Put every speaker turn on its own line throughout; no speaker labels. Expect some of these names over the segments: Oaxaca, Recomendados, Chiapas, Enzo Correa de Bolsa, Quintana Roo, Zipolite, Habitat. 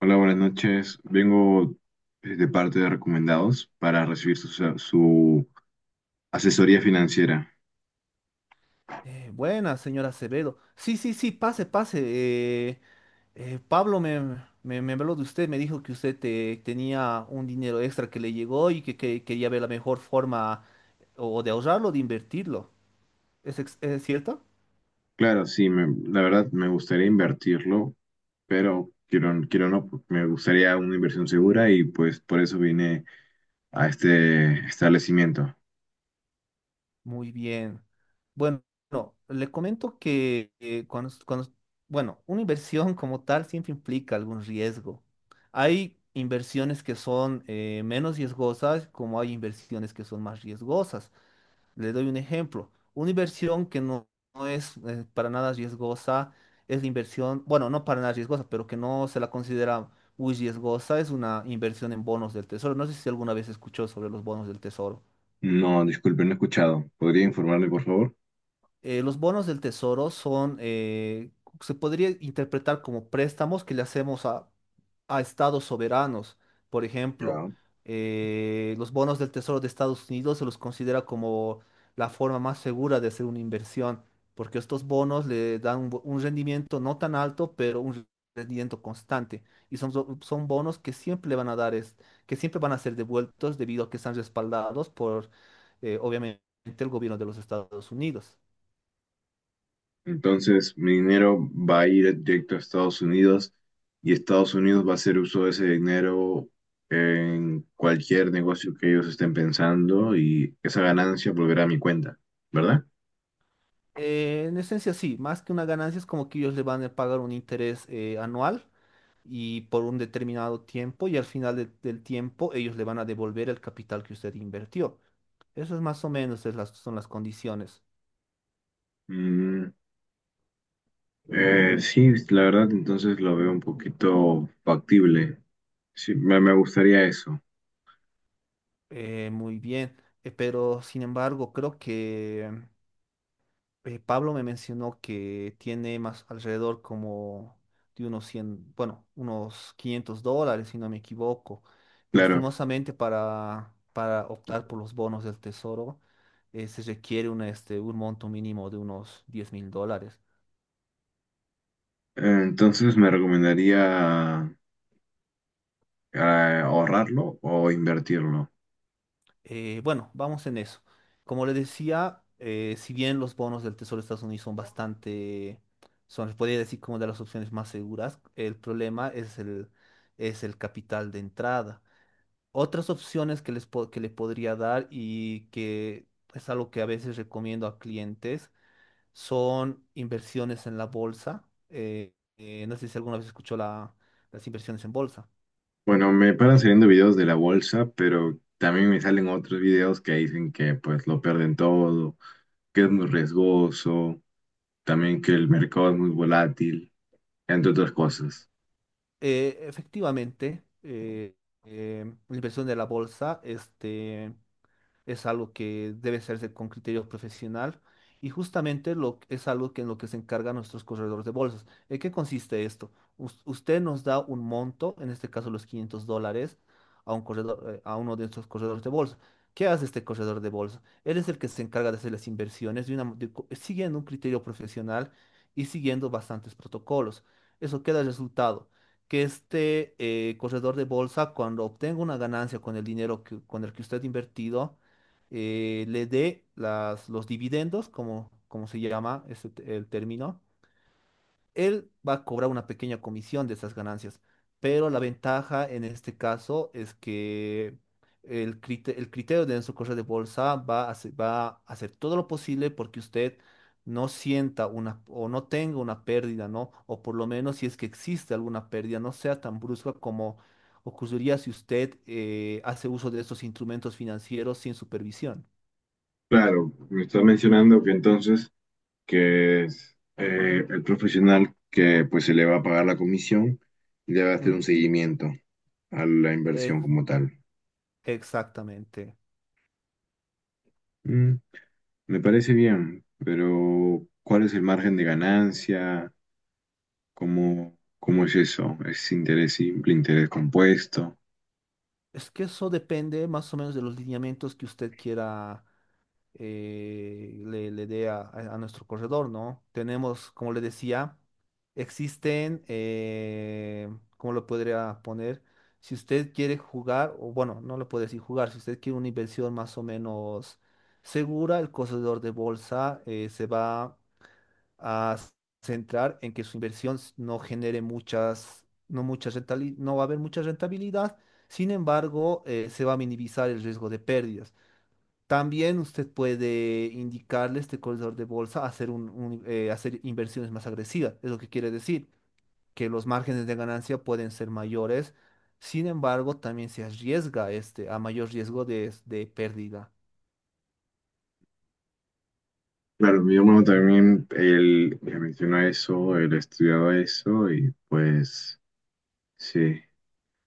Hola, buenas noches. Vengo de parte de Recomendados para recibir su asesoría financiera.
Buenas, señora Acevedo. Sí, sí, sí, pase, pase. Pablo me habló de usted, me dijo que usted tenía un dinero extra que le llegó y que quería ver la mejor forma o de ahorrarlo o de invertirlo. ¿Es cierto?
Claro, sí, la verdad me gustaría invertirlo, pero quiero, quiero no, me gustaría una inversión segura y pues por eso vine a este establecimiento.
Muy bien. Bueno, le comento que bueno, una inversión como tal siempre implica algún riesgo. Hay inversiones que son menos riesgosas, como hay inversiones que son más riesgosas. Le doy un ejemplo. Una inversión que no, no es para nada riesgosa es la inversión, bueno, no para nada riesgosa, pero que no se la considera muy riesgosa, es una inversión en bonos del tesoro. No sé si alguna vez escuchó sobre los bonos del tesoro.
No, disculpe, no he escuchado. ¿Podría informarme, por favor?
Los bonos del tesoro son, se podría interpretar como préstamos que le hacemos a estados soberanos. Por ejemplo,
Ya.
los bonos del tesoro de Estados Unidos se los considera como la forma más segura de hacer una inversión, porque estos bonos le dan un rendimiento no tan alto, pero un rendimiento constante. Y son bonos que siempre le van a dar, que siempre van a ser devueltos debido a que están respaldados por, obviamente, el gobierno de los Estados Unidos.
Entonces, mi dinero va a ir directo a Estados Unidos y Estados Unidos va a hacer uso de ese dinero en cualquier negocio que ellos estén pensando y esa ganancia volverá a mi cuenta, ¿verdad?
En esencia sí, más que una ganancia es como que ellos le van a pagar un interés anual y por un determinado tiempo y al final del tiempo ellos le van a devolver el capital que usted invirtió. Eso es más o menos es las, son las condiciones.
Mm, sí, la verdad, entonces lo veo un poquito factible. Sí, me gustaría eso,
Muy bien, pero sin embargo creo que Pablo me mencionó que tiene más alrededor como de unos 100, bueno, unos $500, si no me equivoco.
claro.
Lastimosamente para optar por los bonos del tesoro se requiere un monto mínimo de unos $10,000.
Entonces me recomendaría eh, ahorrarlo o invertirlo.
Bueno, vamos en eso. Como le decía, si bien los bonos del tesoro de Estados Unidos son bastante, son, les podría decir, como de las opciones más seguras, el problema es el capital de entrada. Otras opciones que le podría dar y que es algo que a veces recomiendo a clientes son inversiones en la bolsa. No sé si alguna vez escuchó las inversiones en bolsa.
Bueno, me paran saliendo videos de la bolsa, pero también me salen otros videos que dicen que pues lo pierden todo, que es muy riesgoso, también que el mercado es muy volátil, entre otras cosas.
Efectivamente, la inversión de la bolsa, es algo que debe hacerse con criterio profesional y justamente es algo que en lo que se encargan nuestros corredores de bolsas. ¿En qué consiste esto? Usted nos da un monto, en este caso los $500, a un corredor, a uno de nuestros corredores de bolsa. ¿Qué hace este corredor de bolsa? Él es el que se encarga de hacer las inversiones de una, mo- de co- siguiendo un criterio profesional y siguiendo bastantes protocolos. Eso queda el resultado que este corredor de bolsa, cuando obtenga una ganancia con el dinero que, con el que usted ha invertido, le dé las, los dividendos, como se llama ese el término, él va a cobrar una pequeña comisión de esas ganancias. Pero la ventaja en este caso es que el criterio de Enzo Correa de Bolsa va a hacer todo lo posible porque usted no sienta una o no tenga una pérdida, ¿no? O por lo menos si es que existe alguna pérdida, no sea tan brusca como ocurriría si usted hace uso de estos instrumentos financieros sin supervisión.
Claro, me está mencionando que entonces que es el profesional que pues se le va a pagar la comisión y le va a hacer
Ujú.
un seguimiento a la inversión
Ex-
como tal.
Exactamente.
Mm, Me parece bien, pero ¿cuál es el margen de ganancia? ¿Cómo es eso? ¿Es interés simple, interés compuesto?
Es que eso depende más o menos de los lineamientos que usted quiera le dé a nuestro corredor, ¿no? Tenemos, como le decía, existen, ¿cómo lo podría poner? Si usted quiere jugar, o bueno, no lo puede decir jugar, si usted quiere una inversión más o menos segura, el corredor de bolsa se va a centrar en que su inversión no genere muchas, no va a haber mucha rentabilidad, sin embargo, se va a minimizar el riesgo de pérdidas. También usted puede indicarle a este corredor de bolsa hacer inversiones más agresivas. Es lo que quiere decir, que los márgenes de ganancia pueden ser mayores. Sin embargo, también se arriesga a mayor riesgo de pérdida.
Claro, mi hermano también, él me mencionó eso, él estudiaba eso y pues sí,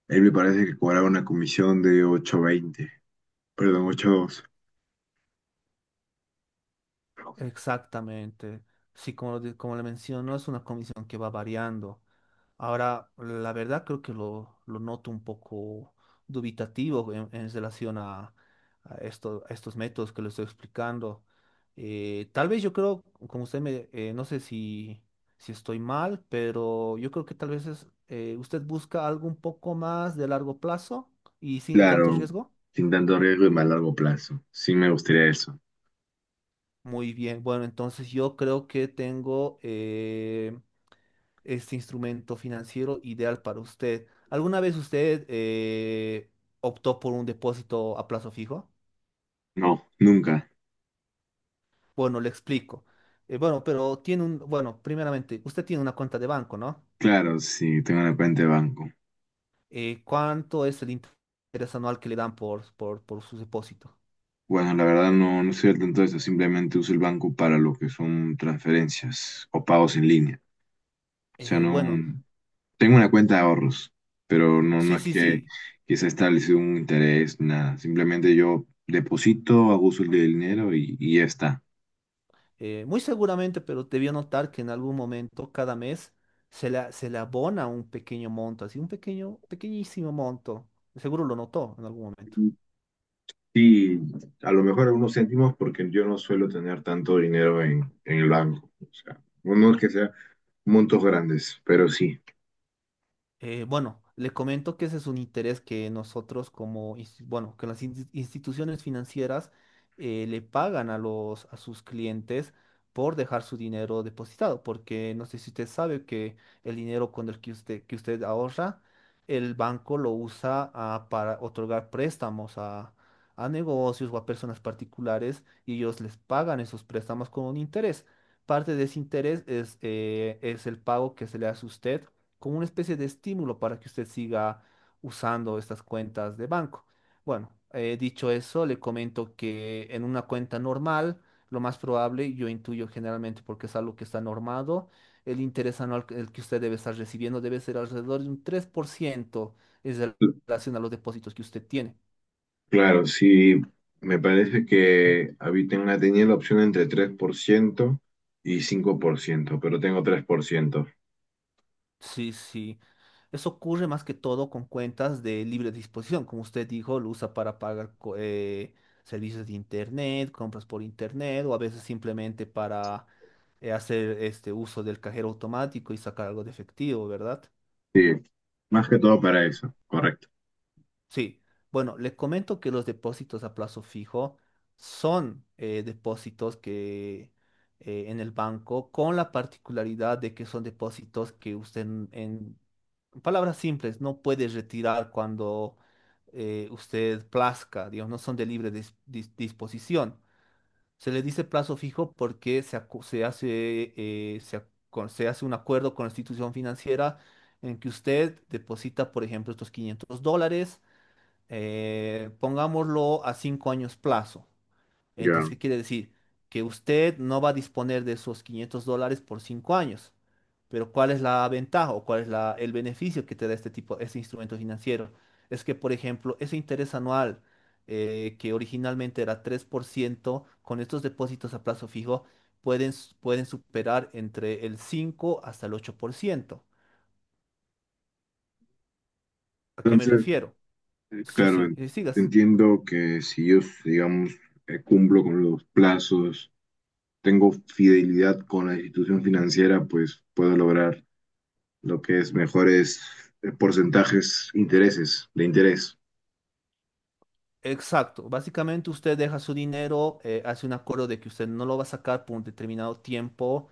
él me parece que cobraba una comisión de ocho veinte, perdón, ocho dos.
Exactamente. Sí, como le menciono, es una comisión que va variando. Ahora, la verdad creo que lo noto un poco dubitativo en relación a estos métodos que le estoy explicando. Tal vez yo creo, no sé si estoy mal, pero yo creo que tal vez usted busca algo un poco más de largo plazo y sin tanto
Claro,
riesgo.
sin tanto riesgo y más largo plazo. Sí me gustaría eso.
Muy bien, bueno, entonces yo creo que tengo este instrumento financiero ideal para usted. ¿Alguna vez usted optó por un depósito a plazo fijo?
No, nunca.
Bueno, le explico. Bueno, pero tiene primeramente, usted tiene una cuenta de banco, ¿no?
Claro, sí, tengo una cuenta de banco.
¿Cuánto es el interés anual que le dan por su depósito?
Bueno, la verdad no, no estoy al tanto de eso. Simplemente uso el banco para lo que son transferencias o pagos en línea. O sea, no.
Bueno,
Tengo una cuenta de ahorros, pero no, no
sí,
es
sí,
que,
sí.
que se ha establecido un interés, nada. Simplemente yo deposito, hago uso del dinero y ya está.
Muy seguramente, pero debió notar que en algún momento, cada mes, se le abona un pequeño monto, así un pequeño, pequeñísimo monto. Seguro lo notó en algún momento.
Sí, a lo mejor unos céntimos porque yo no suelo tener tanto dinero en el banco. O sea, no, no es que sea montos grandes, pero sí.
Bueno, le comento que ese es un interés que nosotros que las instituciones financieras le pagan a los, a sus clientes por dejar su dinero depositado, porque no sé si usted sabe que el dinero con el que usted ahorra, el banco lo usa para otorgar préstamos a negocios o a personas particulares y ellos les pagan esos préstamos con un interés. Parte de ese interés es el pago que se le hace a usted como una especie de estímulo para que usted siga usando estas cuentas de banco. Bueno, dicho eso, le comento que en una cuenta normal, lo más probable, yo intuyo generalmente porque es algo que está normado, el interés anual que el que usted debe estar recibiendo debe ser alrededor de un 3% en
Cl-
relación a los depósitos que usted tiene.
Claro, sí, me parece que Habitat tenía la opción entre 3% y 5%, pero tengo 3%.
Sí, sí. Eso ocurre más que todo con cuentas de libre disposición. Como usted dijo, lo usa para pagar servicios de internet, compras por internet o a veces simplemente para hacer este uso del cajero automático y sacar algo de efectivo, ¿verdad?
Sí, más que todo para eso, correcto.
Sí. Bueno, le comento que los depósitos a plazo fijo son depósitos que en el banco con la particularidad de que son depósitos que usted en palabras simples no puede retirar cuando usted plazca, digamos, no son de libre disposición. Se le dice plazo fijo porque se, acu- se hace, se, ac- se hace un acuerdo con la institución financiera en que usted deposita, por ejemplo, estos $500, pongámoslo a 5 años plazo. Entonces,
Ya.
¿qué quiere decir? Que usted no va a disponer de esos $500 por 5 años. Pero ¿cuál es la ventaja o cuál es el beneficio que te da este tipo, este instrumento financiero? Es que, por ejemplo, ese interés anual que originalmente era 3% con estos depósitos a plazo fijo pueden superar entre el 5 hasta el 8%. ¿A qué me
Entonces,
refiero? Sí,
claro,
sí, sigas.
entiendo que si yo, digamos, cumplo con los plazos tengo fidelidad con la institución financiera, pues puedo lograr lo que es mejores porcentajes, intereses, de interés.
Exacto, básicamente usted deja su dinero, hace un acuerdo de que usted no lo va a sacar por un determinado tiempo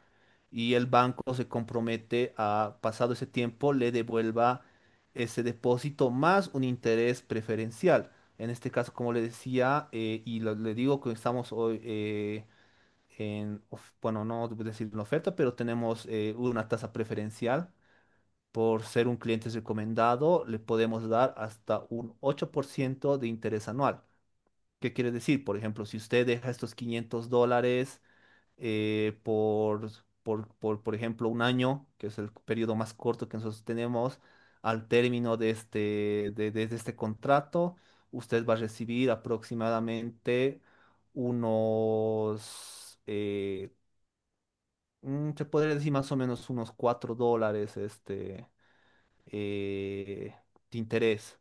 y el banco se compromete a, pasado ese tiempo, le devuelva ese depósito más un interés preferencial. En este caso, como le decía, y le digo que estamos hoy bueno, no debo decir una oferta, pero tenemos una tasa preferencial. Por ser un cliente recomendado, le podemos dar hasta un 8% de interés anual. ¿Qué quiere decir? Por ejemplo, si usted deja estos $500 eh, por, por ejemplo, un año, que es el periodo más corto que nosotros tenemos, al término de este contrato, usted va a recibir aproximadamente unos, eh, se podría decir más o menos unos $4 eh, de interés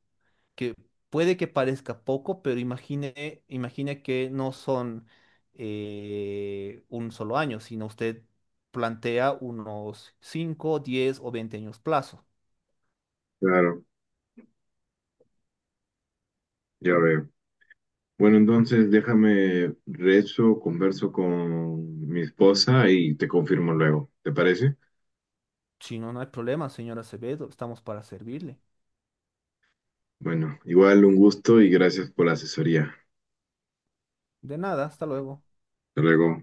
que puede que parezca poco, pero imagine que no son un solo año, sino usted plantea unos 5, 10 o 20 años plazo.
Claro, ya veo. Bueno, entonces déjame rezo, converso con mi esposa y te confirmo luego. ¿Te parece?
Si no, no hay problema, señora Acevedo, estamos para servirle.
Bueno, igual un gusto y gracias por la asesoría.
De nada, hasta luego.
Hasta luego.